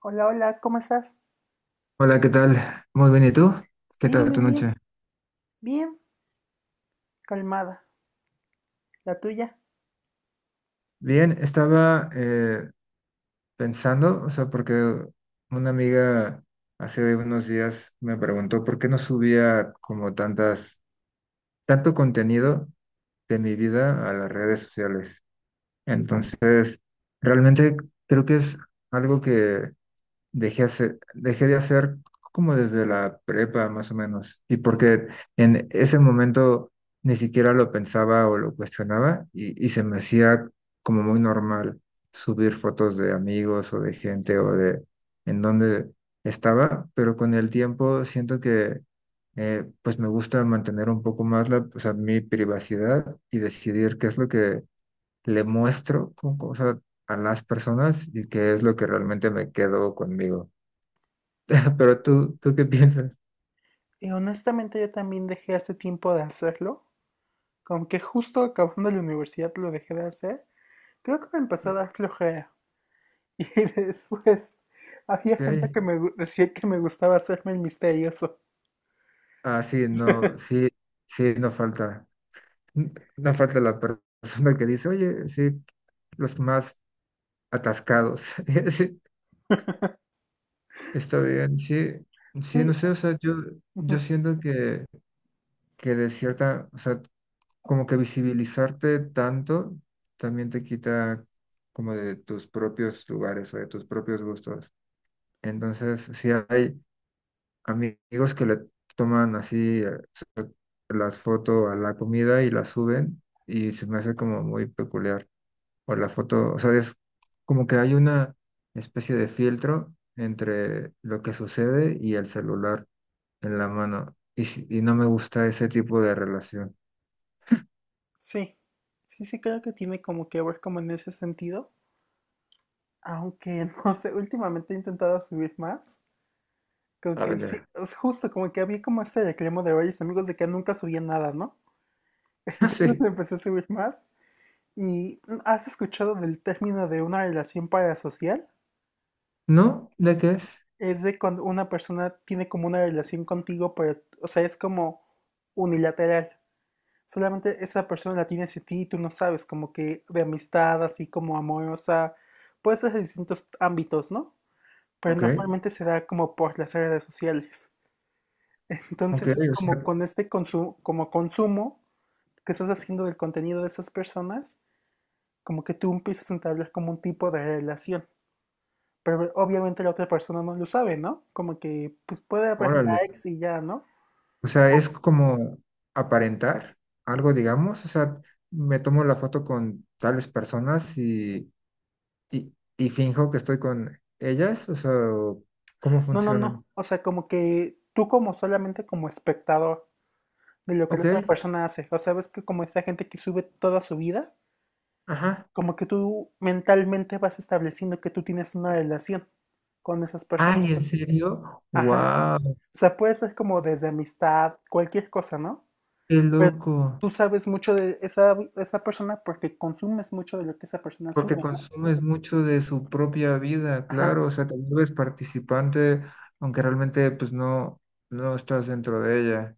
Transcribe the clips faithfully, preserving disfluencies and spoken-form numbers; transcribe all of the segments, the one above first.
Hola, hola, ¿cómo estás? Hola, ¿qué tal? Muy bien, ¿y tú? ¿Qué Bien, tal tu bien, bien, noche? bien, calmada. ¿La tuya? Bien, estaba eh, pensando, o sea, porque una amiga hace unos días me preguntó por qué no subía como tantas, tanto contenido de mi vida a las redes sociales. Entonces, realmente creo que es algo que dejé, hace- dejé de hacer como desde la prepa más o menos, y porque en ese momento ni siquiera lo pensaba o lo cuestionaba y, y se me hacía como muy normal subir fotos de amigos o de gente o de en donde estaba, pero con el tiempo siento que eh, pues me gusta mantener un poco más la, o sea, mi privacidad y decidir qué es lo que le muestro con, o sea, a las personas y qué es lo que realmente me quedo conmigo. Pero tú, ¿tú qué piensas? Y honestamente yo también dejé hace tiempo de hacerlo, como que justo acabando la universidad lo dejé de hacer. Creo que me empezó a dar flojera. Y después había gente ¿Qué? que me gu- decía que me gustaba hacerme el misterioso. Ah, sí, no, sí, sí, no falta, n- no falta la per- persona que dice, oye, sí, los más atascados. Sí, está bien, sí, sí, no Sí, sé, o sea, yo, yo ujú, siento que, que de cierta, o sea, como que visibilizarte tanto también te quita como de tus propios lugares o de tus propios gustos. Entonces, sí hay amigos que le toman así. Las foto a la comida y las suben y se me hace como muy peculiar. O la foto, o sea, es como que hay una especie de filtro entre lo que sucede y el celular en la mano. Y, si- y no me gusta ese tipo de relación. sí, sí, sí, creo que tiene como que ver como en ese sentido. Aunque no sé, últimamente he intentado subir más. Como A que sí, ver, es justo como que había como este reclamo de varios amigos de que nunca subía nada, ¿no? no. Entonces empecé a subir más. ¿Y has escuchado del término de una relación parasocial? ¿No? ¿De qué es? Es de cuando una persona tiene como una relación contigo, pero, o sea, es como unilateral. Solamente esa persona la tiene hacia ti y tú no sabes, como que de amistad, así como amorosa. Puede ser de distintos ámbitos, ¿no? Pero Ok, normalmente se da como por las redes sociales. ok, Entonces es o como sea, con este consumo, como consumo que estás haciendo del contenido de esas personas, como que tú empiezas a entablar como un tipo de relación. Pero obviamente la otra persona no lo sabe, ¿no? Como que pues puede haber órale. likes y ya, ¿no? O sea, es como aparentar algo, digamos. O sea, me tomo la foto con tales personas y y, y finjo que estoy con ellas, o sea, o ¿cómo No, no, funcionan? no. O sea, como que tú como solamente como espectador de lo que la Ok, otra persona hace. O sea, ves que como esta gente que sube toda su vida, ajá. como que tú mentalmente vas estableciendo que tú tienes una relación con esas personas. Ay, ¿en serio? Ajá. ¡Wow! O sea, puede ser como desde amistad, cualquier cosa, ¿no? ¡Qué Pero loco! tú sabes mucho de esa, de esa persona porque consumes mucho de lo que esa persona Porque sube, ¿no? consumes mucho de su propia vida, Ajá, claro, o sea, te vuelves participante, aunque realmente pues no, no estás dentro de ella.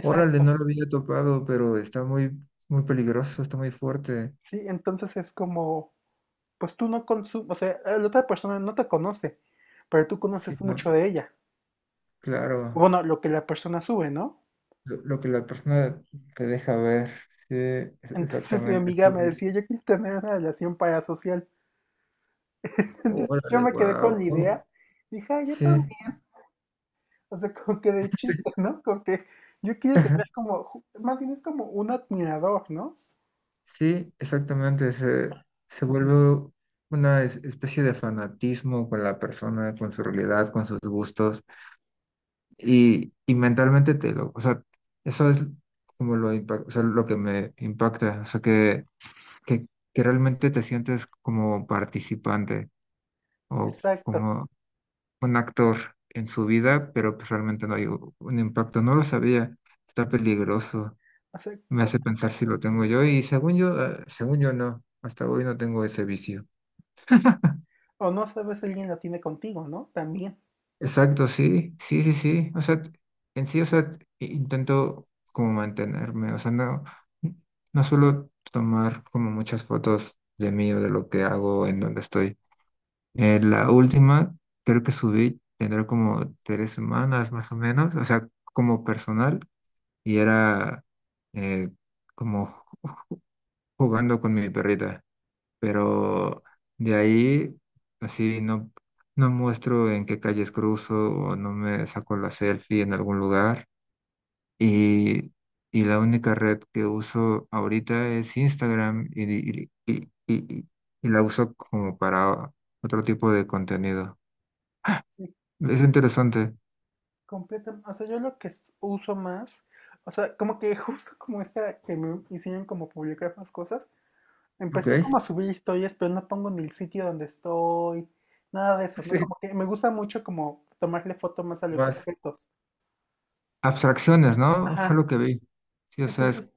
Órale, no lo había topado, pero está muy, muy peligroso, está muy fuerte. Sí, entonces es como, pues tú no consumes, o sea, la otra persona no te conoce, pero tú Sí, conoces no, mucho de ella. claro, Bueno, lo que la persona sube, ¿no? lo, lo que la persona te deja ver, sí, e- Entonces mi exactamente, sí. amiga me decía, yo quiero tener una relación parasocial. Entonces yo Órale, me quedé con wow. la idea, dije, "Ay, yo Sí, O sea, como que de chiste, ¿no? Como que yo quiero ajá, tener como, ju- más bien es como un admirador, ¿no? sí, exactamente. Se, se Ujú, vuelve una es- especie de fanatismo con la persona, con su realidad, con sus gustos. Y, y mentalmente te lo, o sea, eso es como lo, impa- o sea, lo que me impacta. O sea, que, que, que realmente te sientes como participante o exacto. como un actor en su vida, pero pues realmente no hay u- un impacto. No lo sabía. Está peligroso. O sea, Me co- hace pensar si lo tengo yo y según yo, eh, según yo no, hasta hoy no tengo ese vicio. o no sabes si alguien lo tiene contigo, ¿no? También. Exacto, sí, sí, sí, sí. O sea, en sí, o sea, i- intento como mantenerme, o sea, no, no suelo tomar como muchas fotos de mí o de lo que hago, en donde estoy. Eh, la última, creo que subí, tendrá como tres semanas más o menos, o sea, como personal y era eh, como jugando con mi perrita. Pero de ahí así no, no muestro en qué calles cruzo o no me saco la selfie en algún lugar. Y, y la única red que uso ahorita es Instagram y, y, y- y- y- y la uso como para otro tipo de contenido. Sí, Es interesante. completamente. O sea, yo lo que s- uso más, o sea, como que justo como esta que me hicieron como publicar más cosas, Ok. empecé como a subir historias, pero no pongo ni el sitio donde estoy, nada de eso, ¿no? Sí, Como que me gusta mucho como tomarle foto más a los más objetos. abstracciones, ¿no? Fue Ajá, lo que vi. Sí, o sí, sí, sea, es sí.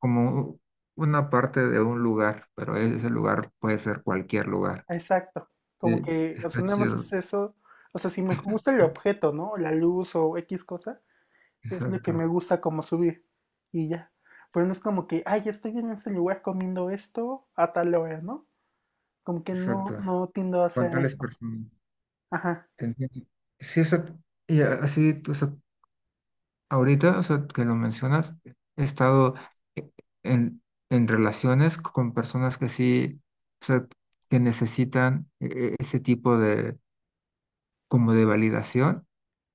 como una parte de un lugar, pero ese lugar puede ser cualquier lugar. Exacto, como Sí, que, o sea, está nada más chido. es eso, o sea, si me gusta el Sí, objeto, ¿no? La luz o X cosa, es lo que exacto, me gusta como subir y ya. Pero no es como que, ay, estoy en este lugar comiendo esto a tal hora, ¿no? Como que no, exacto. no tiendo a Con hacer tales eso. personas. Ajá, Te entiendo. Sí, o sea, y así, o sea, ahorita, o sea, que lo mencionas, he estado e- en, en relaciones con personas que sí, o sea, que necesitan e- e- ese tipo de, como de validación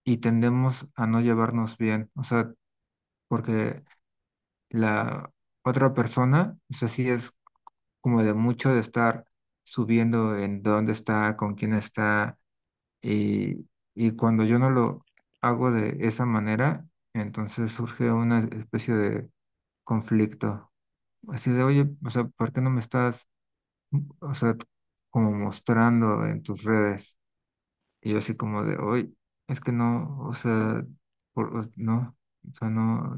y tendemos a no llevarnos bien, o sea, porque la otra persona, o sea, sí es como de mucho de estar subiendo en dónde está, con quién está, y, y cuando yo no lo hago de esa manera, entonces surge una especie de conflicto, así de, oye, o sea, ¿por qué no me estás, o sea, como mostrando en tus redes? Y yo así como de, oye, es que no, o sea, por- no, o sea, no,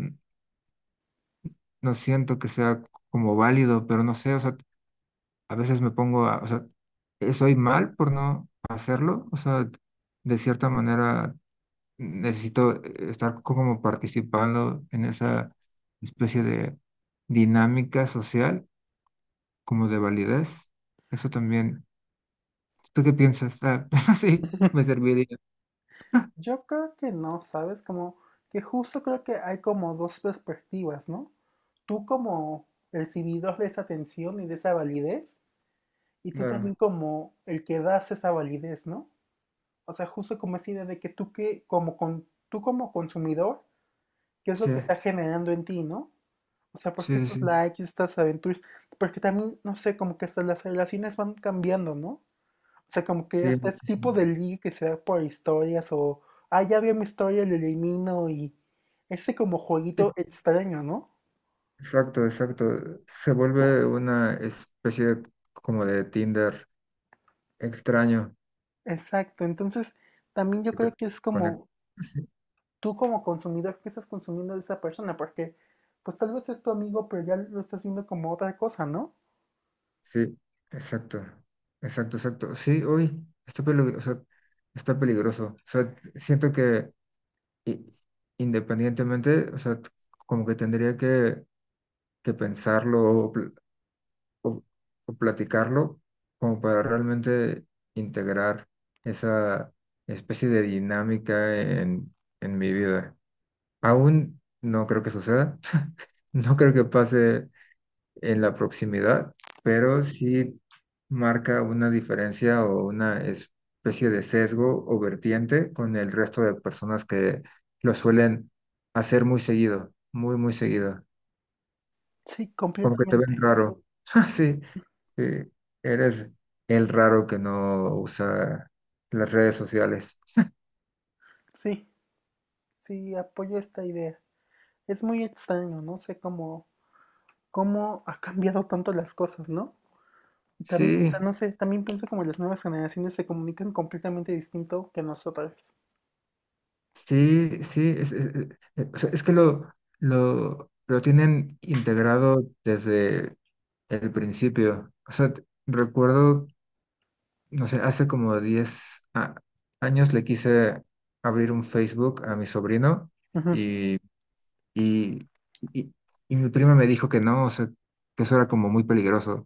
no siento que sea como válido, pero no sé, o sea, a veces me pongo a, o sea, eh, soy mal por no hacerlo, o sea, de cierta manera necesito eh, estar como participando en esa especie de dinámica social, como de validez. Eso también. ¿Tú qué piensas? Ah, sí, me serviría. yo creo que no, ¿sabes? Como que justo creo que hay como dos perspectivas, ¿no? Tú como recibidor de esa atención y de esa validez, y tú Claro, también como el que das esa validez, ¿no? O sea, justo como esa idea de que tú que, como con, tú como consumidor, ¿qué es sí, lo que está generando en ti, no? O sea, porque sí, estos sí, likes, estas aventuras, porque también, no sé, como que hasta las relaciones van cambiando, ¿no? O sea, como que sí, hasta este muchísimo. tipo de ligue que se da por historias o, ah, ya vi mi historia, le elimino y ese como Sí, jueguito extraño, ¿no? exacto, exacto. Se vuelve una especie como de Tinder extraño. Exacto, entonces también yo Que te creo que es conecta. como Sí, tú como consumidor, ¿qué estás consumiendo de esa persona? Porque pues tal vez es tu amigo, pero ya lo estás viendo como otra cosa, ¿no? sí, exacto, exacto, exacto. Sí, hoy está peligroso, está peligroso. O sea, siento que i- independientemente, o sea, t- como que tendría que, que pensarlo o, pl- o- o platicarlo como para realmente integrar esa especie de dinámica en, en mi vida. Aún no creo que suceda, no creo que pase en la proximidad, pero sí marca una diferencia o una especie de sesgo o vertiente con el resto de personas que lo suelen hacer muy seguido, muy, muy seguido. Sí, Como que te ven completamente. raro. Ah, sí, sí, eres el raro que no usa las redes sociales. Sí, sí, apoyo esta idea. Es muy extraño, no sé cómo, cómo ha cambiado tanto las cosas, ¿no? Y también, o sea, Sí, no sé, también pienso como las nuevas generaciones se comunican completamente distinto que nosotros. sí, sí, es, es- es- eh, o sea, es que lo, lo, lo tienen integrado desde el principio. O sea, t- recuerdo, no sé, hace como diez a- años le quise abrir un Facebook a mi sobrino Ujú. y y, y, y mi prima me dijo que no, o sea, que eso era como muy peligroso,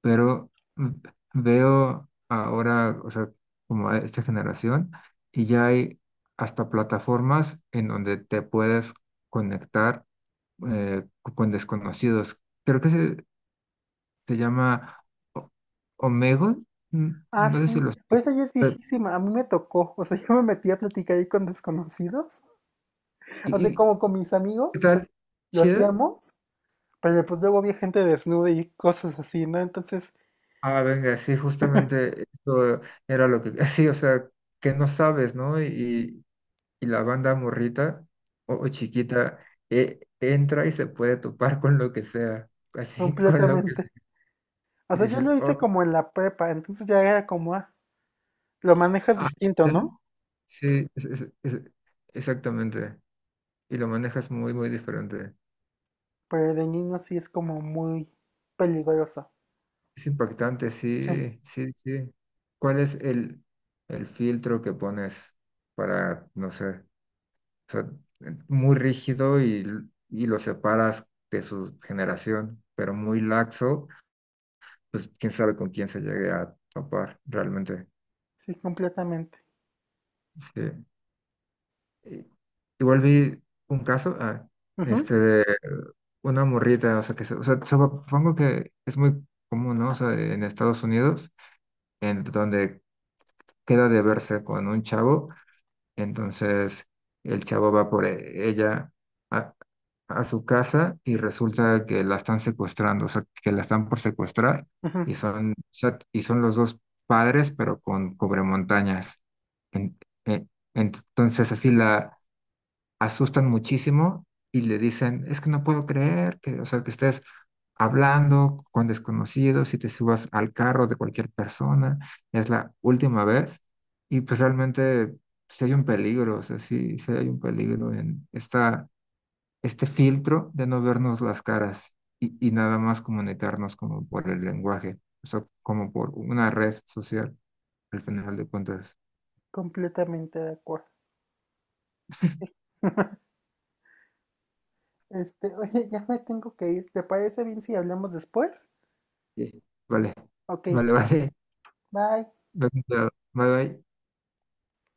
pero v- veo ahora, o sea, como a esta generación, y ya hay hasta plataformas en donde te puedes conectar eh, co- con desconocidos. Creo que se, se llama O- Omegle, n- Ah, no sé si sí, lo pero sé. esa ya es viejísima, a mí me tocó, o sea, yo me metí a platicar ahí con desconocidos, ¿Y, o sea, y como con mis qué amigos, tal? lo ¿Chida? hacíamos. Pero pues luego había gente desnuda y cosas así, ¿no? Entonces, Ah, venga, sí, justamente eso era lo que, sí, o sea, que no sabes, ¿no? Y, y la banda morrita o, o chiquita eh, entra y se puede topar con lo que sea, así, con lo que completamente. sea. O Y sea, yo dices, lo oh, hice como en la prepa, entonces ya era como, ah, lo manejas ah, distinto, ¿ya? ¿no? Sí, es- es- es- exactamente. Y lo manejas muy, muy diferente. Pero de niño sí es como muy peligroso. Es impactante, Sí, sí, sí, sí. ¿Cuál es el, el filtro que pones para, no sé? O sea, muy rígido y, y lo separas de su generación, pero muy laxo, pues quién sabe con quién se llegue a topar realmente. sí, completamente. Sí. Y- Igual vi un caso, ah, Ujú, este, de una morrita, o sea, que, se- o sea, supongo que es muy común, ¿no? O sea, en Estados Unidos, en donde queda de verse con un chavo. Entonces el chavo va por e- ella a, a su casa y resulta que la están secuestrando, o sea, que la están por secuestrar ujú, y son, o sea, y son los dos padres, pero con cobremontañas. En- en- entonces así la asustan muchísimo y le dicen, es que no puedo creer que, o sea, que estés hablando con desconocidos y te subas al carro de cualquier persona, es la última vez. Y pues realmente sí hay un peligro, o sea, sí, sí hay un peligro en esta, este filtro de no vernos las caras y, y nada más comunicarnos como por el lenguaje, o sea, como por una red social, al final de cuentas. completamente de acuerdo. Este, oye, ya me tengo que ir. ¿Te parece bien si hablamos después? Sí. Vale, Ok, vale, vale. bye. Bye, bye.